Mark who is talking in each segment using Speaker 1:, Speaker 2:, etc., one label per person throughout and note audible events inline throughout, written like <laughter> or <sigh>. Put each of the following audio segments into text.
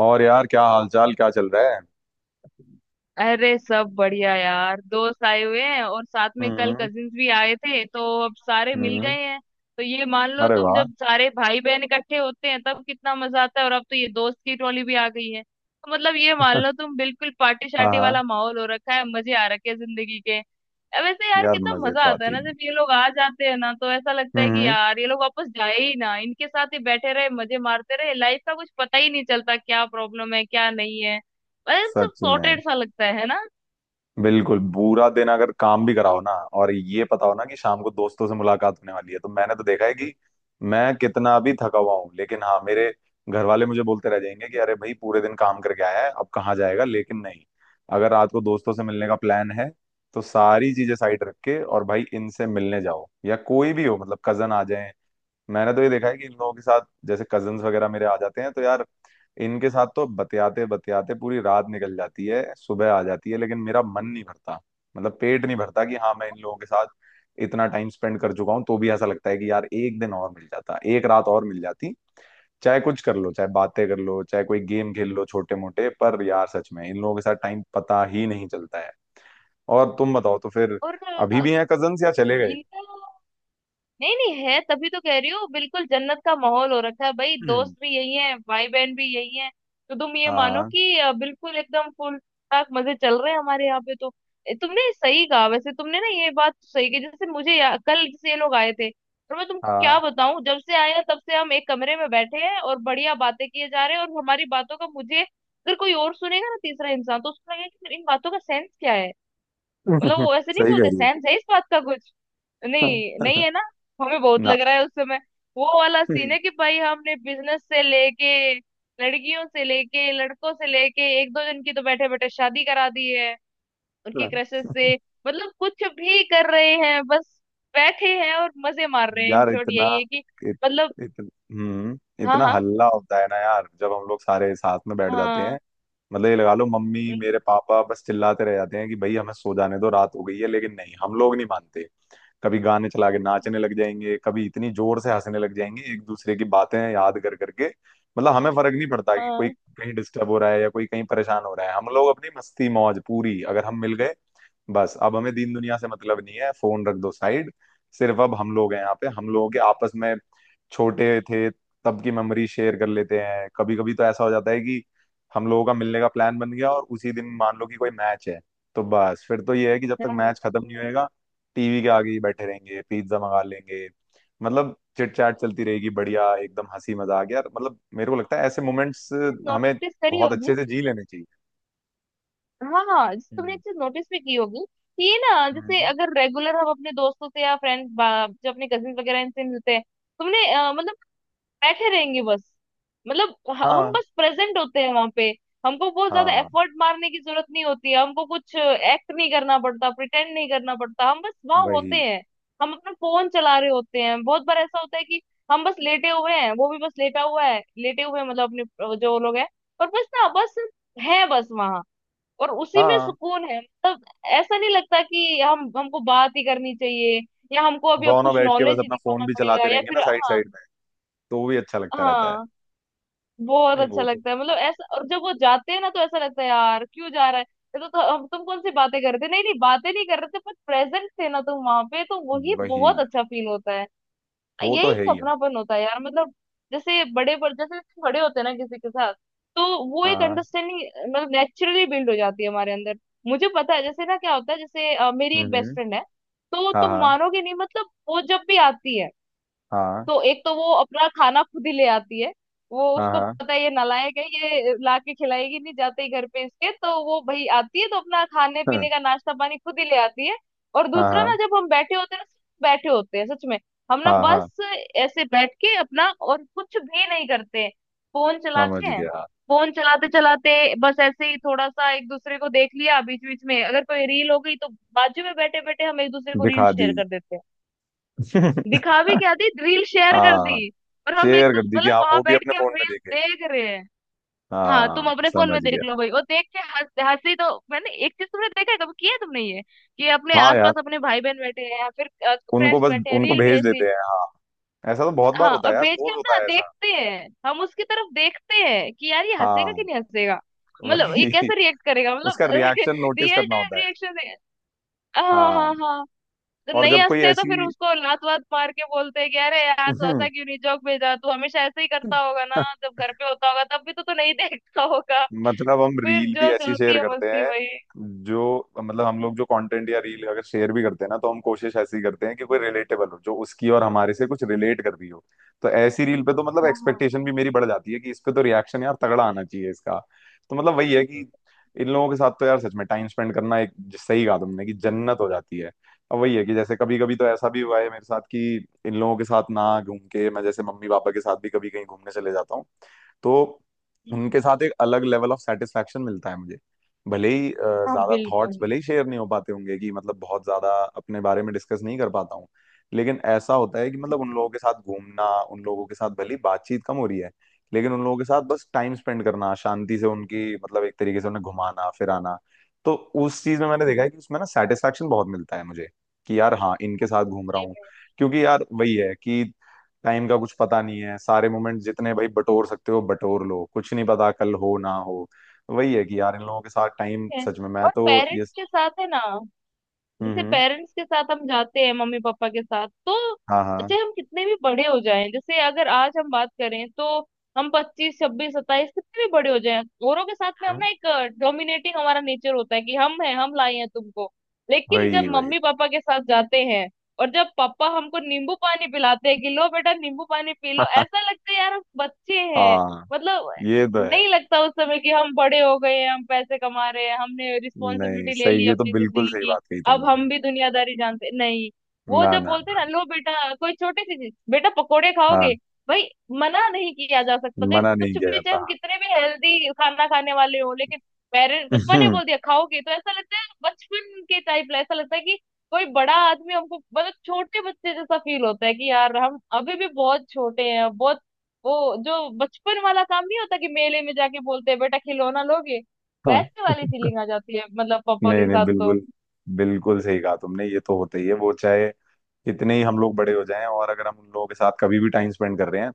Speaker 1: और यार क्या हालचाल, क्या चल रहा है।
Speaker 2: अरे सब बढ़िया यार, दोस्त आए हुए हैं और साथ में कल
Speaker 1: हम्म।
Speaker 2: कजिन्स भी आए थे तो अब सारे मिल
Speaker 1: हम्म।
Speaker 2: गए हैं। तो ये मान लो
Speaker 1: अरे
Speaker 2: तुम,
Speaker 1: वाह।
Speaker 2: जब सारे भाई बहन इकट्ठे होते हैं तब कितना मजा आता है, और अब तो ये दोस्त की टोली भी आ गई है तो मतलब ये मान
Speaker 1: <laughs>
Speaker 2: लो तुम, बिल्कुल पार्टी
Speaker 1: हाँ
Speaker 2: शार्टी
Speaker 1: हाँ।
Speaker 2: वाला माहौल हो रखा है, मजे आ रखे हैं जिंदगी के। अब वैसे यार
Speaker 1: यार
Speaker 2: कितना
Speaker 1: मजे
Speaker 2: मजा
Speaker 1: तो
Speaker 2: आता है
Speaker 1: आते ही
Speaker 2: ना
Speaker 1: हैं।
Speaker 2: जब ये लोग आ जाते हैं ना, तो ऐसा लगता है कि
Speaker 1: हम्म।
Speaker 2: यार ये लोग वापस जाए ही ना, इनके साथ ही बैठे रहे, मजे मारते रहे। लाइफ का कुछ पता ही नहीं चलता क्या प्रॉब्लम है क्या नहीं है। अरे सब
Speaker 1: सच में।
Speaker 2: सॉर्टेड सा लगता है ना।
Speaker 1: बिल्कुल बुरा दिन अगर काम भी कराओ ना, और ये पता हो ना कि शाम को दोस्तों से मुलाकात होने वाली है, तो मैंने तो देखा है कि मैं कितना भी थका हुआ हूँ, लेकिन हाँ, मेरे घर वाले मुझे बोलते रह जाएंगे कि अरे भाई पूरे दिन काम करके आया है अब कहाँ जाएगा, लेकिन नहीं। अगर रात को दोस्तों से मिलने का प्लान है तो सारी चीजें साइड रख के, और भाई इनसे मिलने जाओ, या कोई भी हो, मतलब कजन आ जाए। मैंने तो ये देखा है कि इन लोगों के साथ, जैसे कजन्स वगैरह मेरे आ जाते हैं तो यार इनके साथ तो बतियाते बतियाते पूरी रात निकल जाती है, सुबह आ जाती है, लेकिन मेरा मन नहीं भरता। मतलब पेट नहीं भरता कि हाँ मैं इन लोगों के साथ इतना टाइम स्पेंड कर चुका हूँ, तो भी ऐसा लगता है कि यार एक दिन और मिल जाता, एक रात और मिल जाती। चाहे कुछ कर लो, चाहे बातें कर लो, चाहे कोई गेम खेल लो छोटे मोटे, पर यार सच में इन लोगों के साथ टाइम पता ही नहीं चलता है। और तुम बताओ तो फिर,
Speaker 2: और
Speaker 1: अभी
Speaker 2: अ,
Speaker 1: भी हैं कजन्स या चले गए।
Speaker 2: इनका नहीं, नहीं है, तभी तो कह रही हूँ, बिल्कुल जन्नत का माहौल हो रखा है। भाई दोस्त
Speaker 1: हम्म।
Speaker 2: भी यही है, भाई बहन भी यही है। तो तुम ये मानो
Speaker 1: हाँ
Speaker 2: कि बिल्कुल एकदम फुल ठाक मजे चल रहे हैं हमारे यहाँ पे तो। तुमने सही कहा वैसे, तुमने ना ये बात तो सही की। जैसे मुझे कल जैसे ये लोग आए थे, और मैं तुमको क्या
Speaker 1: हाँ।
Speaker 2: बताऊं, जब से आए हैं तब से हम एक कमरे में बैठे हैं और बढ़िया बातें किए जा रहे हैं। और हमारी बातों का, मुझे अगर कोई और सुनेगा ना, तीसरा इंसान, तो उसको लगेगा कि इन बातों का सेंस क्या है। मतलब
Speaker 1: <laughs>
Speaker 2: वो ऐसे नहीं
Speaker 1: सही कह
Speaker 2: बोलते,
Speaker 1: रही हो।
Speaker 2: सेंस है इस बात का कुछ? नहीं, नहीं
Speaker 1: <laughs>
Speaker 2: है ना। हमें बहुत
Speaker 1: ना।
Speaker 2: लग रहा है उस समय वो वाला सीन है कि भाई, हमने बिजनेस से लेके लड़कियों से लेके लड़कों से लेके एक दो जन की तो बैठे बैठे शादी करा दी है उनकी
Speaker 1: हाँ,
Speaker 2: क्रशेस से। मतलब कुछ भी कर रहे हैं बस, बैठे हैं और मजे मार रहे हैं। इन
Speaker 1: यार
Speaker 2: शॉर्ट
Speaker 1: इतना
Speaker 2: यही है कि
Speaker 1: इत,
Speaker 2: मतलब,
Speaker 1: इत, हम्म,
Speaker 2: हाँ
Speaker 1: इतना
Speaker 2: हाँ
Speaker 1: हल्ला होता है ना यार जब हम लोग सारे साथ में बैठ जाते
Speaker 2: हाँ,
Speaker 1: हैं। मतलब ये लगा लो, मम्मी
Speaker 2: हम्म,
Speaker 1: मेरे पापा बस चिल्लाते रह जाते हैं कि भाई हमें सो जाने दो, रात हो गई है, लेकिन नहीं, हम लोग नहीं मानते। कभी गाने चला के नाचने लग जाएंगे, कभी इतनी जोर से हंसने लग जाएंगे एक दूसरे की बातें याद कर करके। मतलब हमें फर्क नहीं पड़ता कि कोई
Speaker 2: हाँ
Speaker 1: कहीं डिस्टर्ब हो रहा है या कोई कहीं परेशान हो रहा है। हम लोग अपनी मस्ती मौज पूरी, अगर हम मिल गए बस, अब हमें दीन दुनिया से मतलब नहीं है। फोन रख दो साइड, सिर्फ अब हम लोग हैं यहाँ पे। हम लोगों के आपस में, छोटे थे तब की मेमोरी शेयर कर लेते हैं। कभी कभी तो ऐसा हो जाता है कि हम लोगों का मिलने का प्लान बन गया और उसी दिन मान लो कि कोई मैच है, तो बस फिर तो ये है कि जब तक मैच खत्म नहीं होएगा टीवी के आगे ही बैठे रहेंगे, पिज्जा मंगा लेंगे। मतलब चिट चैट चलती रहेगी बढ़िया, एकदम हंसी मजाक। यार मतलब मेरे को लगता है ऐसे मोमेंट्स हमें
Speaker 2: नोटिस करी
Speaker 1: बहुत अच्छे
Speaker 2: होगी।
Speaker 1: से जी लेने चाहिए।
Speaker 2: हाँ जैसे तुमने एक
Speaker 1: हम्म।
Speaker 2: चीज नोटिस भी की होगी कि ये ना, जैसे
Speaker 1: हम्म।
Speaker 2: अगर रेगुलर हम अपने दोस्तों से या फ्रेंड्स, जो अपने कजिन वगैरह, इनसे मिलते हैं, तुमने मतलब बैठे रहेंगे बस। मतलब हम
Speaker 1: हाँ।
Speaker 2: बस प्रेजेंट होते हैं वहां पे। हमको बहुत ज्यादा
Speaker 1: हाँ,
Speaker 2: एफर्ट मारने की जरूरत नहीं होती है, हमको कुछ एक्ट नहीं करना पड़ता, प्रिटेंड नहीं करना पड़ता, हम बस वहां
Speaker 1: वही।
Speaker 2: होते हैं। हम अपना फोन चला रहे होते हैं। बहुत बार ऐसा होता है कि हम बस लेटे हुए हैं, वो भी बस लेटा हुआ है, लेटे हुए हैं मतलब अपने जो लोग हैं, और बस ना बस, है बस वहां, और उसी में
Speaker 1: हाँ,
Speaker 2: सुकून है। मतलब ऐसा नहीं लगता कि हम, हमको बात ही करनी चाहिए या हमको अभी अब
Speaker 1: दोनों
Speaker 2: कुछ
Speaker 1: बैठ के बस
Speaker 2: नॉलेज ही
Speaker 1: अपना फोन
Speaker 2: दिखाना
Speaker 1: भी
Speaker 2: पड़ेगा
Speaker 1: चलाते
Speaker 2: या
Speaker 1: रहेंगे ना
Speaker 2: फिर।
Speaker 1: साइड
Speaker 2: हाँ,
Speaker 1: साइड में, तो वो भी अच्छा लगता रहता है।
Speaker 2: हाँ बहुत
Speaker 1: नहीं,
Speaker 2: अच्छा
Speaker 1: वो तो
Speaker 2: लगता है।
Speaker 1: होता ही
Speaker 2: मतलब ऐसा, और जब वो जाते हैं ना तो ऐसा लगता है यार क्यों जा रहा है ये। तो हम तुम कौन सी बातें कर रहे थे? नहीं नहीं, बातें नहीं कर रहे थे, पर प्रेजेंट थे ना तुम वहां पे, तो
Speaker 1: है।
Speaker 2: वही
Speaker 1: वही,
Speaker 2: बहुत अच्छा फील होता है। हाँ,
Speaker 1: वो तो
Speaker 2: यही
Speaker 1: है
Speaker 2: तो
Speaker 1: ही है।
Speaker 2: अपनापन होता है यार। मतलब जैसे बड़े, पर जैसे जैसे बड़े होते हैं ना किसी के साथ, तो वो एक
Speaker 1: हाँ।
Speaker 2: अंडरस्टैंडिंग मतलब नेचुरली बिल्ड हो जाती है हमारे अंदर। मुझे पता है जैसे ना क्या होता है, जैसे मेरी
Speaker 1: हम्म।
Speaker 2: एक बेस्ट
Speaker 1: हम्म।
Speaker 2: फ्रेंड है, तो
Speaker 1: हाँ
Speaker 2: तुम
Speaker 1: हाँ
Speaker 2: मानोगे नहीं मतलब, वो जब भी आती है
Speaker 1: हाँ।
Speaker 2: तो एक तो वो अपना खाना खुद ही ले आती है। वो,
Speaker 1: हाँ
Speaker 2: उसको
Speaker 1: हाँ।
Speaker 2: पता है ये नालायक है, ये ला के खिलाएगी नहीं जाते ही घर पे इसके, तो वो भाई आती है तो अपना खाने
Speaker 1: हाँ
Speaker 2: पीने का नाश्ता पानी खुद ही ले आती है। और दूसरा
Speaker 1: हाँ।
Speaker 2: ना, जब हम बैठे होते हैं ना, सिर्फ बैठे होते हैं सच में, हम ना
Speaker 1: हाँ हाँ, हाँ,
Speaker 2: बस ऐसे बैठ के अपना और कुछ भी नहीं करते हैं, फोन
Speaker 1: समझ
Speaker 2: चलाते हैं।
Speaker 1: गया।
Speaker 2: फोन चलाते चलाते बस ऐसे ही थोड़ा सा एक दूसरे को देख लिया, बीच बीच में अगर कोई रील हो गई तो बाजू में बैठे बैठे हम एक दूसरे को रील
Speaker 1: दिखा दी।
Speaker 2: शेयर कर देते हैं। दिखा भी
Speaker 1: <laughs>
Speaker 2: क्या दी, रील शेयर कर
Speaker 1: हाँ।
Speaker 2: दी, और हम एक
Speaker 1: शेयर कर
Speaker 2: दूसरे,
Speaker 1: दी कि
Speaker 2: मतलब
Speaker 1: आप
Speaker 2: वहां
Speaker 1: वो भी
Speaker 2: बैठ
Speaker 1: अपने
Speaker 2: के हम
Speaker 1: फोन में
Speaker 2: रील
Speaker 1: देखे।
Speaker 2: देख रहे हैं। हाँ तुम
Speaker 1: हाँ,
Speaker 2: अपने फोन
Speaker 1: समझ
Speaker 2: में
Speaker 1: गया।
Speaker 2: देख लो भाई, और देख के हंस, हंसी तो। मैंने एक चीज, तुमने देखा है कभी, किया है तुमने ये कि अपने
Speaker 1: हाँ यार,
Speaker 2: आसपास अपने भाई बहन बैठे हैं या फिर
Speaker 1: उनको
Speaker 2: फ्रेंड्स
Speaker 1: बस,
Speaker 2: बैठे हैं,
Speaker 1: उनको
Speaker 2: रील
Speaker 1: भेज
Speaker 2: भेज दी।
Speaker 1: देते हैं हाँ। ऐसा तो बहुत बार
Speaker 2: हाँ,
Speaker 1: होता
Speaker 2: और
Speaker 1: है यार,
Speaker 2: भेज के
Speaker 1: रोज
Speaker 2: हम ना
Speaker 1: होता है ऐसा।
Speaker 2: देखते हैं, हम उसकी तरफ देखते हैं कि यार ये हंसेगा कि
Speaker 1: हाँ।
Speaker 2: नहीं हंसेगा, मतलब ये
Speaker 1: वही। <laughs>
Speaker 2: कैसे रिएक्ट करेगा, मतलब
Speaker 1: उसका
Speaker 2: <laughs>
Speaker 1: रिएक्शन नोटिस
Speaker 2: रियल
Speaker 1: करना
Speaker 2: टाइम
Speaker 1: होता है।
Speaker 2: रिएक्शन है। हाँ
Speaker 1: हाँ।
Speaker 2: हाँ हाँ। जब
Speaker 1: और
Speaker 2: नहीं
Speaker 1: जब कोई
Speaker 2: हंसते तो
Speaker 1: ऐसी,
Speaker 2: फिर उसको लात वात मार के बोलते हैं कि अरे यार तू ऐसा क्यों नहीं जोक भेजा, तू हमेशा ऐसे ही करता होगा ना,
Speaker 1: <laughs>
Speaker 2: जब घर पे होता होगा तब भी तो तू नहीं <laughs> देखता होगा।
Speaker 1: मतलब हम
Speaker 2: फिर
Speaker 1: रील भी
Speaker 2: जो
Speaker 1: ऐसी
Speaker 2: चलती
Speaker 1: शेयर
Speaker 2: है
Speaker 1: करते
Speaker 2: मस्ती
Speaker 1: हैं,
Speaker 2: वही।
Speaker 1: जो मतलब हम लोग जो कंटेंट या रील अगर शेयर भी करते हैं ना, तो हम कोशिश ऐसी करते हैं कि कोई रिलेटेबल हो, जो उसकी और हमारे से कुछ रिलेट कर रही हो। तो ऐसी रील पे तो मतलब
Speaker 2: हाँ हाँ,
Speaker 1: एक्सपेक्टेशन भी मेरी बढ़ जाती है कि इस पे तो रिएक्शन यार तगड़ा आना चाहिए इसका। तो मतलब वही है कि इन लोगों के साथ तो यार सच में टाइम स्पेंड करना एक, सही कहा तुमने कि जन्नत हो जाती है। अब वही है कि जैसे कभी कभी तो ऐसा भी हुआ है मेरे साथ कि इन लोगों के साथ ना घूम के, मैं जैसे मम्मी पापा के साथ भी कभी कहीं घूमने चले जाता हूँ, तो उनके
Speaker 2: हम्म,
Speaker 1: साथ एक अलग लेवल ऑफ सेटिस्फेक्शन मिलता है मुझे। भले ही
Speaker 2: हाँ,
Speaker 1: ज्यादा थॉट्स
Speaker 2: बिल्कुल
Speaker 1: भले ही शेयर नहीं हो पाते होंगे कि मतलब बहुत ज्यादा अपने बारे में डिस्कस नहीं कर पाता हूँ, लेकिन ऐसा होता है कि मतलब उन लोगों के साथ घूमना, उन लोगों के साथ भले ही बातचीत कम हो रही है, लेकिन उन लोगों के साथ बस टाइम स्पेंड करना शांति से, उनकी मतलब एक तरीके से उन्हें घुमाना फिराना, तो उस चीज में मैंने देखा है कि उसमें ना सेटिस्फेक्शन बहुत मिलता है मुझे, कि यार हाँ, इनके साथ घूम रहा हूँ।
Speaker 2: सही
Speaker 1: क्योंकि यार वही है कि टाइम का कुछ पता नहीं है, सारे मोमेंट जितने भाई बटोर सकते हो बटोर लो, कुछ नहीं पता कल हो ना हो। वही है कि यार इन लोगों के साथ टाइम
Speaker 2: में।
Speaker 1: सच में, मैं
Speaker 2: और
Speaker 1: तो
Speaker 2: पेरेंट्स
Speaker 1: ये,
Speaker 2: के साथ है ना,
Speaker 1: हम्म।
Speaker 2: जैसे
Speaker 1: हम्म।
Speaker 2: पेरेंट्स के साथ हम जाते हैं मम्मी पापा के साथ, तो
Speaker 1: हाँ हाँ।
Speaker 2: चाहे हम कितने भी बड़े हो जाएं, जैसे अगर आज हम बात करें तो हम 25 26 27, कितने भी बड़े हो जाएं, औरों के साथ में हम
Speaker 1: हम्म,
Speaker 2: ना एक डोमिनेटिंग हमारा नेचर होता है कि हम हैं, हम लाए हैं तुमको। लेकिन
Speaker 1: वही
Speaker 2: जब
Speaker 1: वही।
Speaker 2: मम्मी पापा के साथ जाते हैं, और जब पापा हमको नींबू पानी पिलाते हैं कि लो बेटा नींबू पानी पी लो, ऐसा लगता है यार हम बच्चे हैं।
Speaker 1: हाँ,
Speaker 2: मतलब
Speaker 1: ये तो है।
Speaker 2: नहीं लगता उस समय कि हम बड़े हो गए हैं, हम पैसे कमा रहे हैं, हमने
Speaker 1: नहीं,
Speaker 2: रिस्पॉन्सिबिलिटी ले
Speaker 1: सही,
Speaker 2: ली
Speaker 1: ये तो
Speaker 2: अपनी
Speaker 1: बिल्कुल
Speaker 2: जिंदगी
Speaker 1: सही
Speaker 2: की।
Speaker 1: बात कही
Speaker 2: अब
Speaker 1: तुमने।
Speaker 2: हम भी दुनियादारी जानते नहीं। वो
Speaker 1: ना
Speaker 2: जब
Speaker 1: ना।
Speaker 2: बोलते हैं ना, लो बेटा कोई छोटी सी चीज, बेटा पकोड़े
Speaker 1: ना, हाँ,
Speaker 2: खाओगे, भाई मना नहीं किया जा सकता तो
Speaker 1: मना नहीं
Speaker 2: कुछ
Speaker 1: किया
Speaker 2: भी, चाहे
Speaker 1: जाता।
Speaker 2: हम कितने भी हेल्दी खाना खाने वाले हो लेकिन पेरेंट्स, पप्पा ने
Speaker 1: हम्म,
Speaker 2: बोल दिया खाओगे, तो ऐसा लगता है बचपन के टाइप, ऐसा लगता है कि कोई बड़ा आदमी हमको, मतलब छोटे बच्चे जैसा फील होता है कि यार हम अभी भी बहुत छोटे हैं, बहुत। वो जो बचपन वाला काम नहीं होता कि मेले में जाके बोलते हैं बेटा खिलौना लोगे,
Speaker 1: हाँ।
Speaker 2: वैसे वाली फीलिंग आ जाती है मतलब पापा
Speaker 1: नहीं
Speaker 2: के
Speaker 1: नहीं,
Speaker 2: साथ तो।
Speaker 1: बिल्कुल बिल्कुल सही कहा तुमने, ये तो होता ही है। वो चाहे कितने ही हम लोग बड़े हो जाएं, और अगर हम उन लोगों के साथ कभी भी टाइम स्पेंड कर रहे हैं,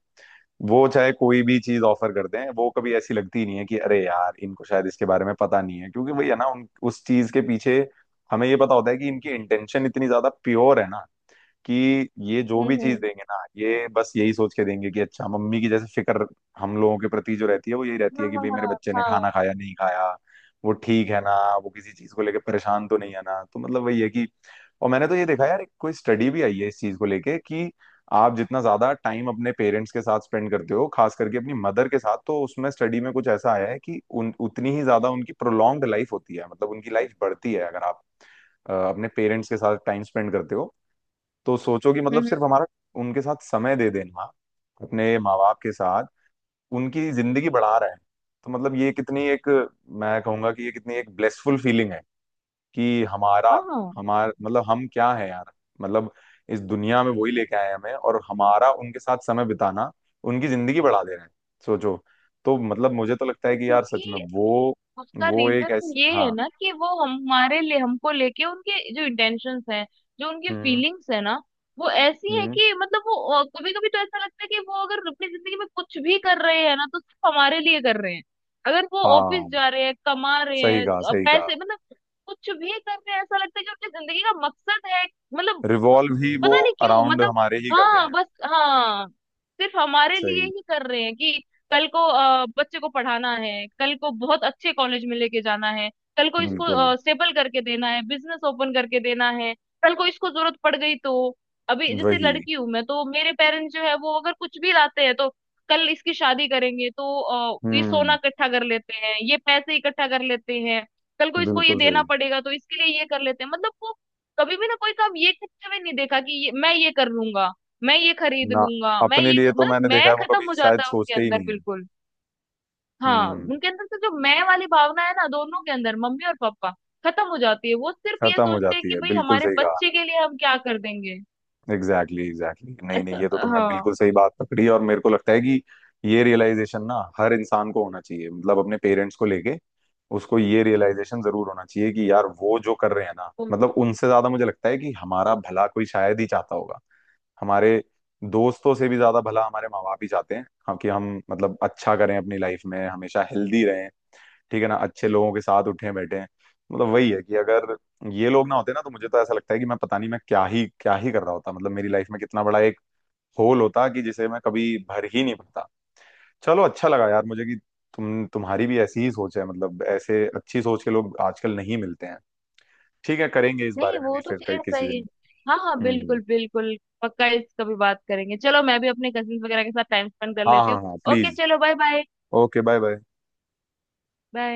Speaker 1: वो चाहे कोई भी चीज ऑफर कर दें, वो कभी ऐसी लगती नहीं है कि अरे यार, इनको शायद इसके बारे में पता नहीं है, क्योंकि वही है ना, उन उस चीज के पीछे हमें ये पता होता है कि इनकी इंटेंशन इतनी ज्यादा प्योर है ना, कि ये जो भी चीज
Speaker 2: हम्म,
Speaker 1: देंगे ना, ये बस यही सोच के देंगे कि अच्छा, मम्मी की जैसे फिक्र हम लोगों के प्रति जो रहती है वो यही रहती
Speaker 2: हाँ
Speaker 1: है कि
Speaker 2: हाँ
Speaker 1: भाई मेरे
Speaker 2: हाँ
Speaker 1: बच्चे ने खाना
Speaker 2: हाँ,
Speaker 1: खाया नहीं खाया, वो ठीक है ना, वो किसी चीज को लेकर परेशान तो नहीं है ना। तो मतलब वही है कि, और मैंने तो ये देखा यार, एक कोई स्टडी भी आई है इस चीज को लेके, कि आप जितना ज्यादा टाइम अपने पेरेंट्स के साथ स्पेंड करते हो, खास करके अपनी मदर के साथ, तो उसमें स्टडी में कुछ ऐसा आया है कि उन उतनी ही ज्यादा उनकी प्रोलॉन्ग्ड लाइफ होती है, मतलब उनकी लाइफ बढ़ती है, अगर आप अपने पेरेंट्स के साथ टाइम स्पेंड करते हो। तो सोचो कि
Speaker 2: हम्म
Speaker 1: मतलब
Speaker 2: हम्म,
Speaker 1: सिर्फ हमारा उनके साथ समय दे देना, अपने माँ बाप के साथ, उनकी जिंदगी बढ़ा रहे हैं। तो मतलब ये कितनी एक, मैं कहूंगा कि ये कितनी एक ब्लेसफुल फीलिंग है कि हमारा,
Speaker 2: हाँ हाँ, वो
Speaker 1: हमार मतलब हम क्या है यार, मतलब इस दुनिया में वही लेके आए हैं हमें, और हमारा उनके साथ समय बिताना उनकी जिंदगी बढ़ा दे रहे हैं, सोचो। तो मतलब मुझे तो लगता है कि यार सच में
Speaker 2: क्योंकि,
Speaker 1: वो
Speaker 2: उसका
Speaker 1: वो एक
Speaker 2: रीजन
Speaker 1: ऐसी,
Speaker 2: ये है
Speaker 1: हाँ।
Speaker 2: ना कि वो, हम हमारे लिए, हमको लेके उनके जो इंटेंशंस हैं, जो उनकी
Speaker 1: हम्म।
Speaker 2: फीलिंग्स है ना, वो ऐसी है
Speaker 1: हम्म।
Speaker 2: कि मतलब, वो कभी कभी तो ऐसा लगता है कि वो अगर अपनी जिंदगी में कुछ भी कर रहे हैं ना तो सिर्फ हमारे लिए कर रहे हैं। अगर वो ऑफिस
Speaker 1: हाँ।
Speaker 2: जा रहे हैं, कमा रहे
Speaker 1: सही
Speaker 2: हैं
Speaker 1: कहा, सही कहा।
Speaker 2: पैसे, मतलब कुछ भी कर रहे हैं, ऐसा लगता है कि उनकी जिंदगी का मकसद है, मतलब
Speaker 1: रिवॉल्व ही वो,
Speaker 2: पता नहीं क्यों,
Speaker 1: अराउंड
Speaker 2: मतलब,
Speaker 1: हमारे ही कर रहे
Speaker 2: हाँ
Speaker 1: हैं।
Speaker 2: बस, हाँ सिर्फ हमारे लिए
Speaker 1: सही।
Speaker 2: ही कर रहे हैं कि कल को बच्चे को पढ़ाना है, कल को बहुत अच्छे कॉलेज में लेके जाना है, कल को
Speaker 1: बिल्कुल।
Speaker 2: इसको स्टेबल करके देना है, बिजनेस ओपन करके देना है, कल को इसको जरूरत पड़ गई तो, अभी जैसे
Speaker 1: वही।
Speaker 2: लड़की हूं मैं, तो मेरे पेरेंट्स जो है वो अगर कुछ भी लाते हैं तो, कल इसकी शादी करेंगे तो ये सोना
Speaker 1: हम्म।
Speaker 2: इकट्ठा कर लेते हैं, ये पैसे इकट्ठा कर लेते हैं, कल को इसको ये
Speaker 1: बिल्कुल सही।
Speaker 2: देना पड़ेगा तो इसके लिए ये कर लेते हैं। मतलब वो कभी भी ना कोई काम ये करते हुए नहीं देखा कि मैं ये कर लूंगा, मैं ये खरीद
Speaker 1: ना,
Speaker 2: लूंगा, मैं
Speaker 1: अपने
Speaker 2: ये,
Speaker 1: लिए तो
Speaker 2: मतलब
Speaker 1: मैंने देखा
Speaker 2: मैं
Speaker 1: है वो
Speaker 2: खत्म
Speaker 1: कभी
Speaker 2: हो
Speaker 1: शायद
Speaker 2: जाता है उनके
Speaker 1: सोचते ही
Speaker 2: अंदर
Speaker 1: नहीं है।
Speaker 2: बिल्कुल। हाँ,
Speaker 1: हम्म।
Speaker 2: उनके अंदर से जो मैं वाली भावना है ना, दोनों के अंदर मम्मी और पापा, खत्म हो जाती है। वो सिर्फ ये
Speaker 1: खत्म हो
Speaker 2: सोचते हैं
Speaker 1: जाती
Speaker 2: कि
Speaker 1: है,
Speaker 2: भाई
Speaker 1: बिल्कुल
Speaker 2: हमारे
Speaker 1: सही कहा।
Speaker 2: बच्चे के लिए हम क्या कर देंगे।
Speaker 1: एग्जैक्टली एग्जैक्टली, नहीं नहीं,
Speaker 2: ऐसा,
Speaker 1: ये तो तुमने
Speaker 2: हाँ
Speaker 1: बिल्कुल सही बात पकड़ी, और मेरे को लगता है कि ये रियलाइजेशन ना हर इंसान को होना चाहिए, मतलब अपने पेरेंट्स को लेके उसको ये रियलाइजेशन जरूर होना चाहिए कि यार वो जो कर रहे हैं ना,
Speaker 2: बिल्कुल,
Speaker 1: मतलब उनसे ज्यादा मुझे लगता है कि हमारा भला कोई शायद ही चाहता होगा। हमारे दोस्तों से भी ज्यादा भला हमारे माँ बाप ही चाहते हैं हम, कि हम मतलब अच्छा करें अपनी लाइफ में, हमेशा हेल्दी रहें, ठीक है ना, अच्छे लोगों के साथ उठें बैठें। मतलब वही है कि अगर ये लोग ना होते ना, तो मुझे तो ऐसा लगता है कि मैं पता नहीं मैं क्या ही कर रहा होता, मतलब मेरी लाइफ में कितना बड़ा एक होल होता कि जिसे मैं कभी भर ही नहीं पाता। चलो, अच्छा लगा यार मुझे कि तुम्हारी भी ऐसी ही सोच है, मतलब ऐसे अच्छी सोच के लोग आजकल नहीं मिलते हैं। ठीक है, करेंगे इस
Speaker 2: नहीं
Speaker 1: बारे में भी
Speaker 2: वो तो
Speaker 1: फिर कहीं-
Speaker 2: खैर
Speaker 1: किसी
Speaker 2: सही है।
Speaker 1: दिन।
Speaker 2: हाँ हाँ
Speaker 1: हम्म। हम्म।
Speaker 2: बिल्कुल बिल्कुल, पक्का इस कभी बात करेंगे। चलो मैं भी अपने कजिन वगैरह के साथ टाइम स्पेंड कर
Speaker 1: हाँ
Speaker 2: लेती हूँ।
Speaker 1: हाँ हाँ,
Speaker 2: ओके
Speaker 1: प्लीज।
Speaker 2: चलो, bye bye,
Speaker 1: okay, bye bye.
Speaker 2: Bye.